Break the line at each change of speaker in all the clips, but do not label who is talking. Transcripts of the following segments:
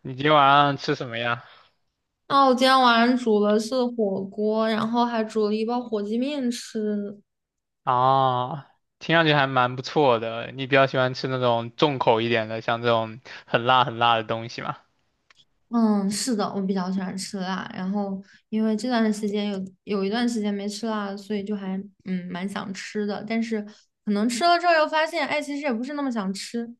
你今天晚上吃什么呀？
哦，我今天晚上煮了是火锅，然后还煮了一包火鸡面吃。
啊，听上去还蛮不错的。你比较喜欢吃那种重口一点的，像这种很辣很辣的东西吗？
嗯，是的，我比较喜欢吃辣，然后因为这段时间有一段时间没吃辣所以就还蛮想吃的，但是可能吃了之后又发现，哎，其实也不是那么想吃。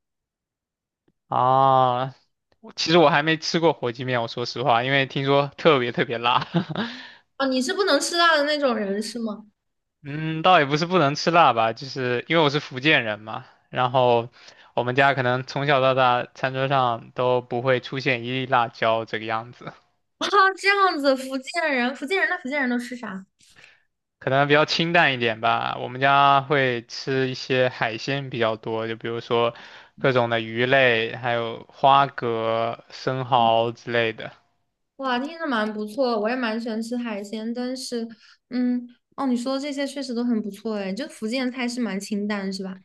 啊，我其实还没吃过火鸡面，我说实话，因为听说特别特别辣。
哦，你是不能吃辣的那种人是吗？
嗯，倒也不是不能吃辣吧，就是因为我是福建人嘛，然后我们家可能从小到大餐桌上都不会出现一粒辣椒这个样子。
啊，这样子，福建人，福建人，那福建人都吃啥？
可能比较清淡一点吧。我们家会吃一些海鲜比较多，就比如说各种的鱼类，还有花蛤、生蚝之类的。
哇，听着蛮不错，我也蛮喜欢吃海鲜，但是，嗯，哦，你说的这些确实都很不错，哎，就福建菜是蛮清淡，是吧？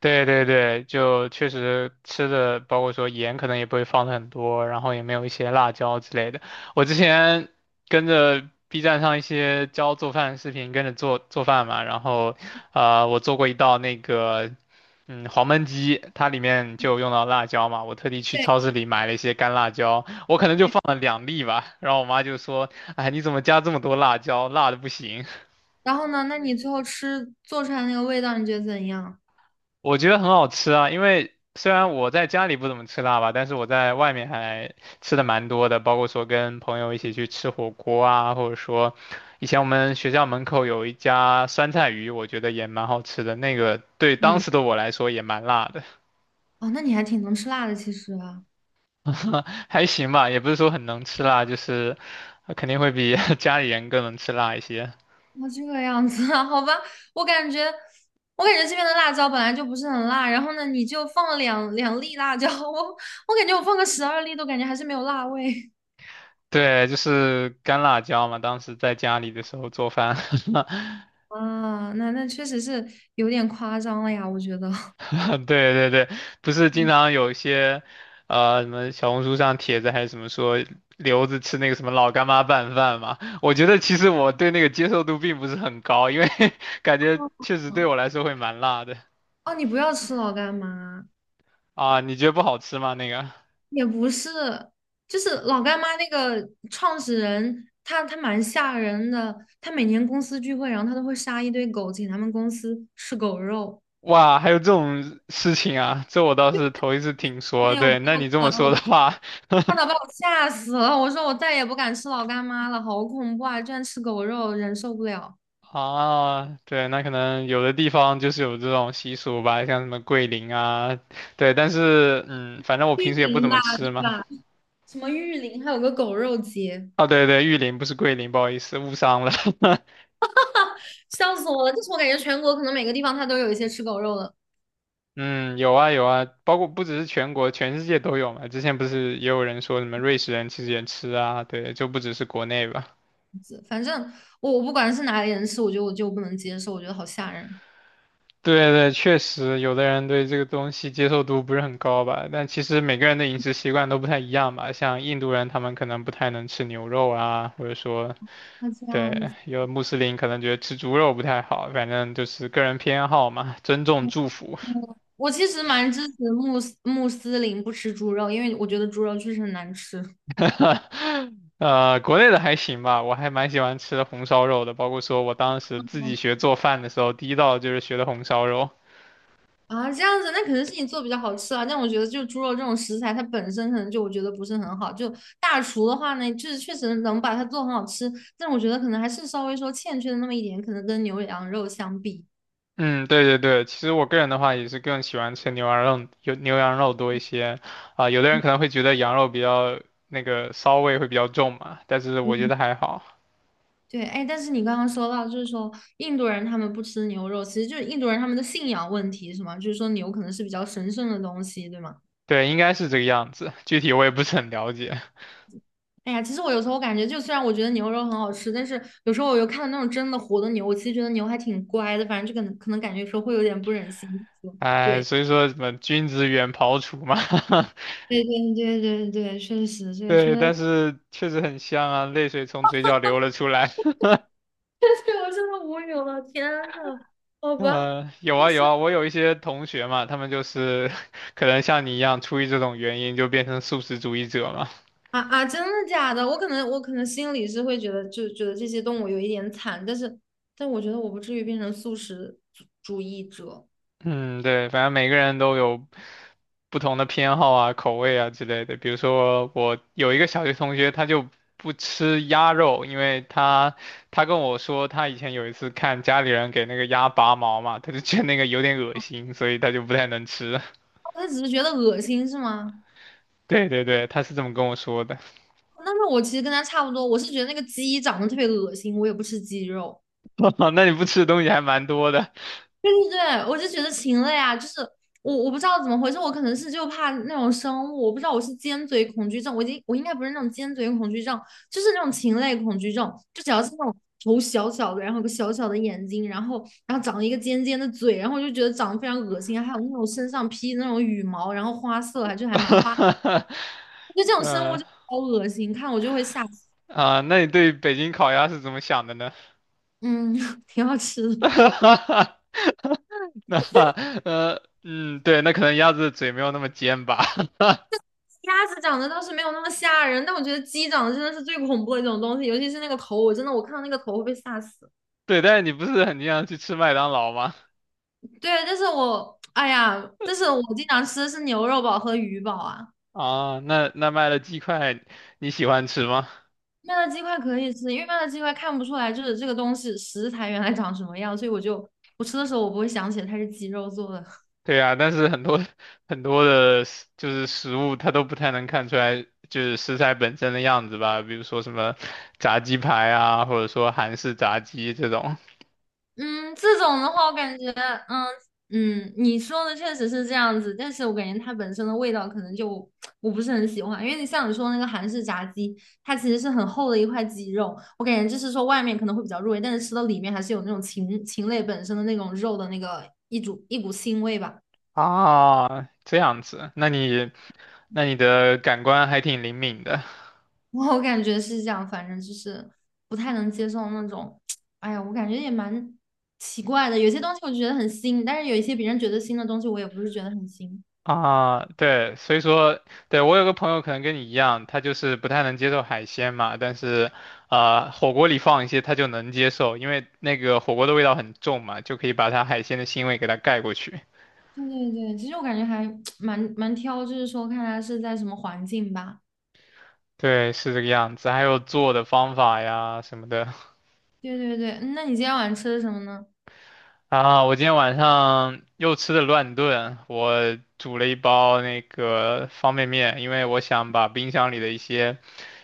对对对，就确实吃的，包括说盐可能也不会放的很多，然后也没有一些辣椒之类的。我之前跟着 B 站上一些教做饭的视频，跟着做做饭嘛，然后我做过一道黄焖鸡，它里面就用到辣椒嘛，我特地去
对，
超市里买了一些干辣椒，我可能就放了两粒吧，然后我妈就说，哎，你怎么加这么多辣椒，辣的不行。
然后呢，那你最后吃做出来那个味道，你觉得怎样？
我觉得很好吃啊，因为虽然我在家里不怎么吃辣吧，但是我在外面还吃的蛮多的，包括说跟朋友一起去吃火锅啊，或者说以前我们学校门口有一家酸菜鱼，我觉得也蛮好吃的，那个对当
嗯，
时的我来说也蛮辣的，
哦，那你还挺能吃辣的，其实啊，
还行吧，也不是说很能吃辣，就是肯定会比 家里人更能吃辣一些。
哦，这个样子啊，好吧，我感觉，我感觉这边的辣椒本来就不是很辣，然后呢，你就放了两粒辣椒，我感觉我放个十二粒都感觉还是没有辣味
对，就是干辣椒嘛，当时在家里的时候做饭。
啊，那确实是有点夸张了呀，我觉得。
对对对，不是经常有一些，什么小红书上帖子还是什么说留子吃那个什么老干妈拌饭嘛？我觉得其实我对那个接受度并不是很高，因为 感觉确实对我来 说会蛮辣的
哦，你不要吃老干妈，
啊。你觉得不好吃吗？那个？
也不是，就是老干妈那个创始人，他蛮吓人的。他每年公司聚会，然后他都会杀一堆狗，请他们公司吃狗肉。
哇，还有这种事情啊，这我倒是头一次听
哎
说。
呦，我报
对，那你
出
这么
来了我
说的
当时
话，
看到把 我吓死了。我说我再也不敢吃老干妈了，好恐怖啊！居然吃狗肉，忍受不了。
啊，对，那可能有的地方就是有这种习俗吧，像什么桂林啊，对，但是反正我
玉
平时也不
林
怎
吧，
么
对
吃嘛。
吧？什么玉林，还有个狗肉节，
哦，对对，玉林不是桂林，不好意思，误伤了。
笑死我了！就是我感觉全国可能每个地方它都有一些吃狗肉的，
嗯，有啊有啊，包括不只是全国，全世界都有嘛。之前不是也有人说什么瑞士人其实也吃啊，对，就不只是国内吧。
反正我不管是哪里人吃，我觉得我就不能接受，我觉得好吓人。
对对，确实有的人对这个东西接受度不是很高吧，但其实每个人的饮食习惯都不太一样吧。像印度人，他们可能不太能吃牛肉啊，或者说
那这样
对，
子，
有穆斯林可能觉得吃猪肉不太好，反正就是个人偏好嘛，尊重祝福。
嗯我其实蛮支持穆斯林不吃猪肉，因为我觉得猪肉确实很难吃
国内的还行吧，我还蛮喜欢吃红烧肉的，包括说我当时自己学做饭的时候，第一道就是学的红烧肉。
啊。这样子，那可能是你做比较好吃啊。但我觉得就猪肉这种食材，它本身可能就我觉得不是很好。就大厨的话呢，就是确实能把它做很好吃，但我觉得可能还是稍微说欠缺的那么一点，可能跟牛羊肉相比。
嗯，对对对，其实我个人的话也是更喜欢吃牛羊肉，有牛羊肉多一些。啊、有的人
嗯
可能会觉得羊肉比较那个骚味会比较重嘛，但是我觉
嗯
得还好。
对，哎，但是你刚刚说到，就是说印度人他们不吃牛肉，其实就是印度人他们的信仰问题，是吗？就是说牛可能是比较神圣的东西，对吗？
对，应该是这个样子，具体我也不是很了解。
哎呀，其实我有时候我感觉，就虽然我觉得牛肉很好吃，但是有时候我又看到那种真的活的牛，我其实觉得牛还挺乖的，反正就可能感觉有时候会有点不忍心说。
哎，
对，
所以说什么君子远庖厨嘛，
对对对对对，确实，这个确
对，
实，
但是确实很香啊，泪水从嘴角流了出来。
对我真的无语了，天呐，好吧，
嗯，有
就
啊
是
有啊，我有一些同学嘛，他们就是 可能像你一样，出于这种原因就变成素食主义者嘛。
啊，真的假的？我可能心里是会觉得，就觉得这些动物有一点惨，但是但我觉得我不至于变成素食主主义者，
嗯，对，反正每个人都有不同的偏好啊、口味啊之类的。比如说，我有一个小学同学，他就不吃鸭肉，因为他跟我说，他以前有一次看家里人给那个鸭拔毛嘛，他就觉得那个有点恶心，所以他就不太能吃。
我只是觉得恶心，是吗？
对对对，他是这么跟我说的。
但是我其实跟他差不多，我是觉得那个鸡长得特别恶心，我也不吃鸡肉。
那你不吃的东西还蛮多的。
对对对，我就觉得禽类啊，就是我不知道怎么回事，我可能是就怕那种生物，我不知道我是尖嘴恐惧症，我已经我应该不是那种尖嘴恐惧症，就是那种禽类恐惧症，就只要是那种头小小的，然后有个小小的眼睛，然后长了一个尖尖的嘴，然后我就觉得长得非常恶心，还有那种身上披那种羽毛，然后花色还就还蛮花的，得这种生物
呃
就好恶心，看我就会吓死
啊，那你对北京烤鸭是怎么想的呢？
嗯，挺好吃的。
那对，那可能鸭子的嘴没有那么尖吧。
鸭子长得倒是没有那么吓人，但我觉得鸡长得真的是最恐怖的一种东西，尤其是那个头，我真的我看到那个头会被吓死。
对，但是你不是很经常去吃麦当劳吗？
对，但是我哎呀，但是我经常吃的是牛肉堡和鱼堡啊。
啊，那卖的鸡块你喜欢吃吗？
麦乐鸡块可以吃，因为麦乐鸡块看不出来就是这个东西食材原来长什么样，所以我就我吃的时候我不会想起来它是鸡肉做的。
对啊，但是很多很多就是食物它都不太能看出来，就是食材本身的样子吧，比如说什么炸鸡排啊，或者说韩式炸鸡这种
嗯，这种的话，我感觉，嗯你说的确实是这样子，但是我感觉它本身的味道可能就我不是很喜欢，因为你像你说那个韩式炸鸡，它其实是很厚的一块鸡肉，我感觉就是说外面可能会比较入味，但是吃到里面还是有那种禽类本身的那种肉的那个一股腥味吧，
啊，这样子，那你的感官还挺灵敏的。
我感觉是这样，反正就是不太能接受那种，哎呀，我感觉也蛮奇怪的，有些东西我觉得很腥，但是有一些别人觉得腥的东西，我也不是觉得很腥。
啊，对，所以说，对，我有个朋友可能跟你一样，他就是不太能接受海鲜嘛，但是，火锅里放一些他就能接受，因为那个火锅的味道很重嘛，就可以把他海鲜的腥味给他盖过去。
对对对，其实我感觉还 蛮挑，就是说看他是在什么环境吧。
对，是这个样子。还有做的方法呀什么的
对对对，嗯那你今天晚上吃的什么呢？
啊，我今天晚上又吃的乱炖，我煮了一包那个方便面，因为我想把冰箱里的一些，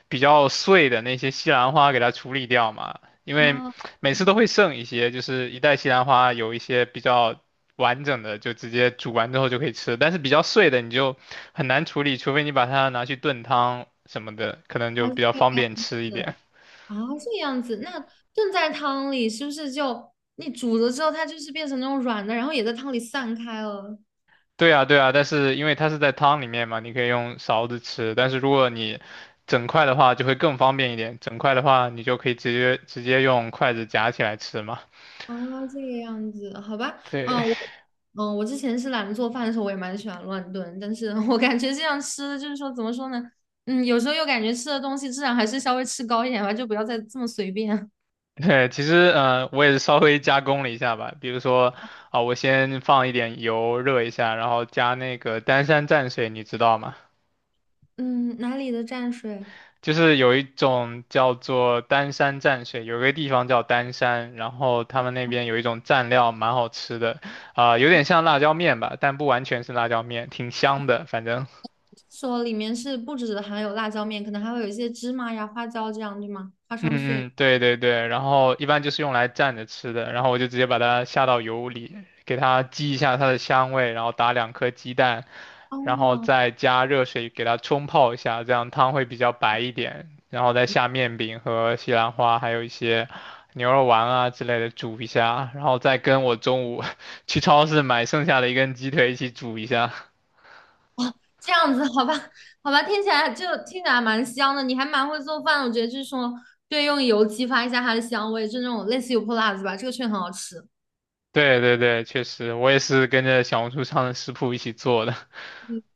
比较碎的那些西兰花给它处理掉嘛，因为
啊，
每次
哦
都会剩一些，就是一袋西兰花有一些比较完整的，就直接煮完之后就可以吃，但是比较碎的你就很难处理，除非你把它拿去炖汤什么的，可能
啊
就比较
这
方
样
便吃一
子
点。
啊，这样子，那炖在汤里是不是就你煮了之后，它就是变成那种软的，然后也在汤里散开了？
对啊，对啊，但是因为它是在汤里面嘛，你可以用勺子吃，但是如果你整块的话就会更方便一点，整块的话你就可以直接用筷子夹起来吃嘛。
啊，这个样子，好吧，嗯，
对，
我嗯，我之前是懒得做饭的时候，我也蛮喜欢乱炖，但是 我感觉这样吃的就是说怎么说呢？嗯，有时候又感觉吃的东西质量还是稍微吃高一点吧，就不要再这么随便。
对，其实我也是稍微加工了一下吧，比如说啊、我先放一点油热一下，然后加那个丹山蘸水，你知道吗？
嗯，哪里的蘸水？
就是有一种叫做丹山蘸水，有一个地方叫丹山，然后他们那边有一种蘸料蛮好吃的，啊、有点像辣椒面吧，但不完全是辣椒面，挺香的，反正。
说里面是不只含有辣椒面，可能还会有一些芝麻呀、花椒这样，对吗？花
嗯
生碎。
嗯，对对对，然后一般就是用来蘸着吃的，然后我就直接把它下到油里，给它激一下它的香味，然后打两颗鸡蛋，然后
哦，
再加热水给它冲泡一下，这样汤会比较白一点，然后再下面饼和西兰花，还有一些牛肉丸啊之类的煮一下，然后再跟我中午 去超市买剩下的一根鸡腿一起煮一下。
这样子，好吧，好吧，听起来蛮香的，你还蛮会做饭的我觉得就是说，对，用油激发一下它的香味，就那种类似油泼辣子吧，这个确实很好吃。
对对对，确实，我也是跟着小红书上的食谱一起做的。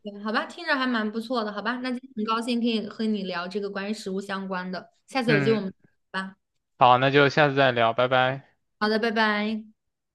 对，好吧，听着还蛮不错的，好吧，那今天很高兴可以和你聊这个关于食物相关的，下 次有机会我们
嗯，
再聊吧。
好，那就下次再聊，拜拜。
好的，拜拜。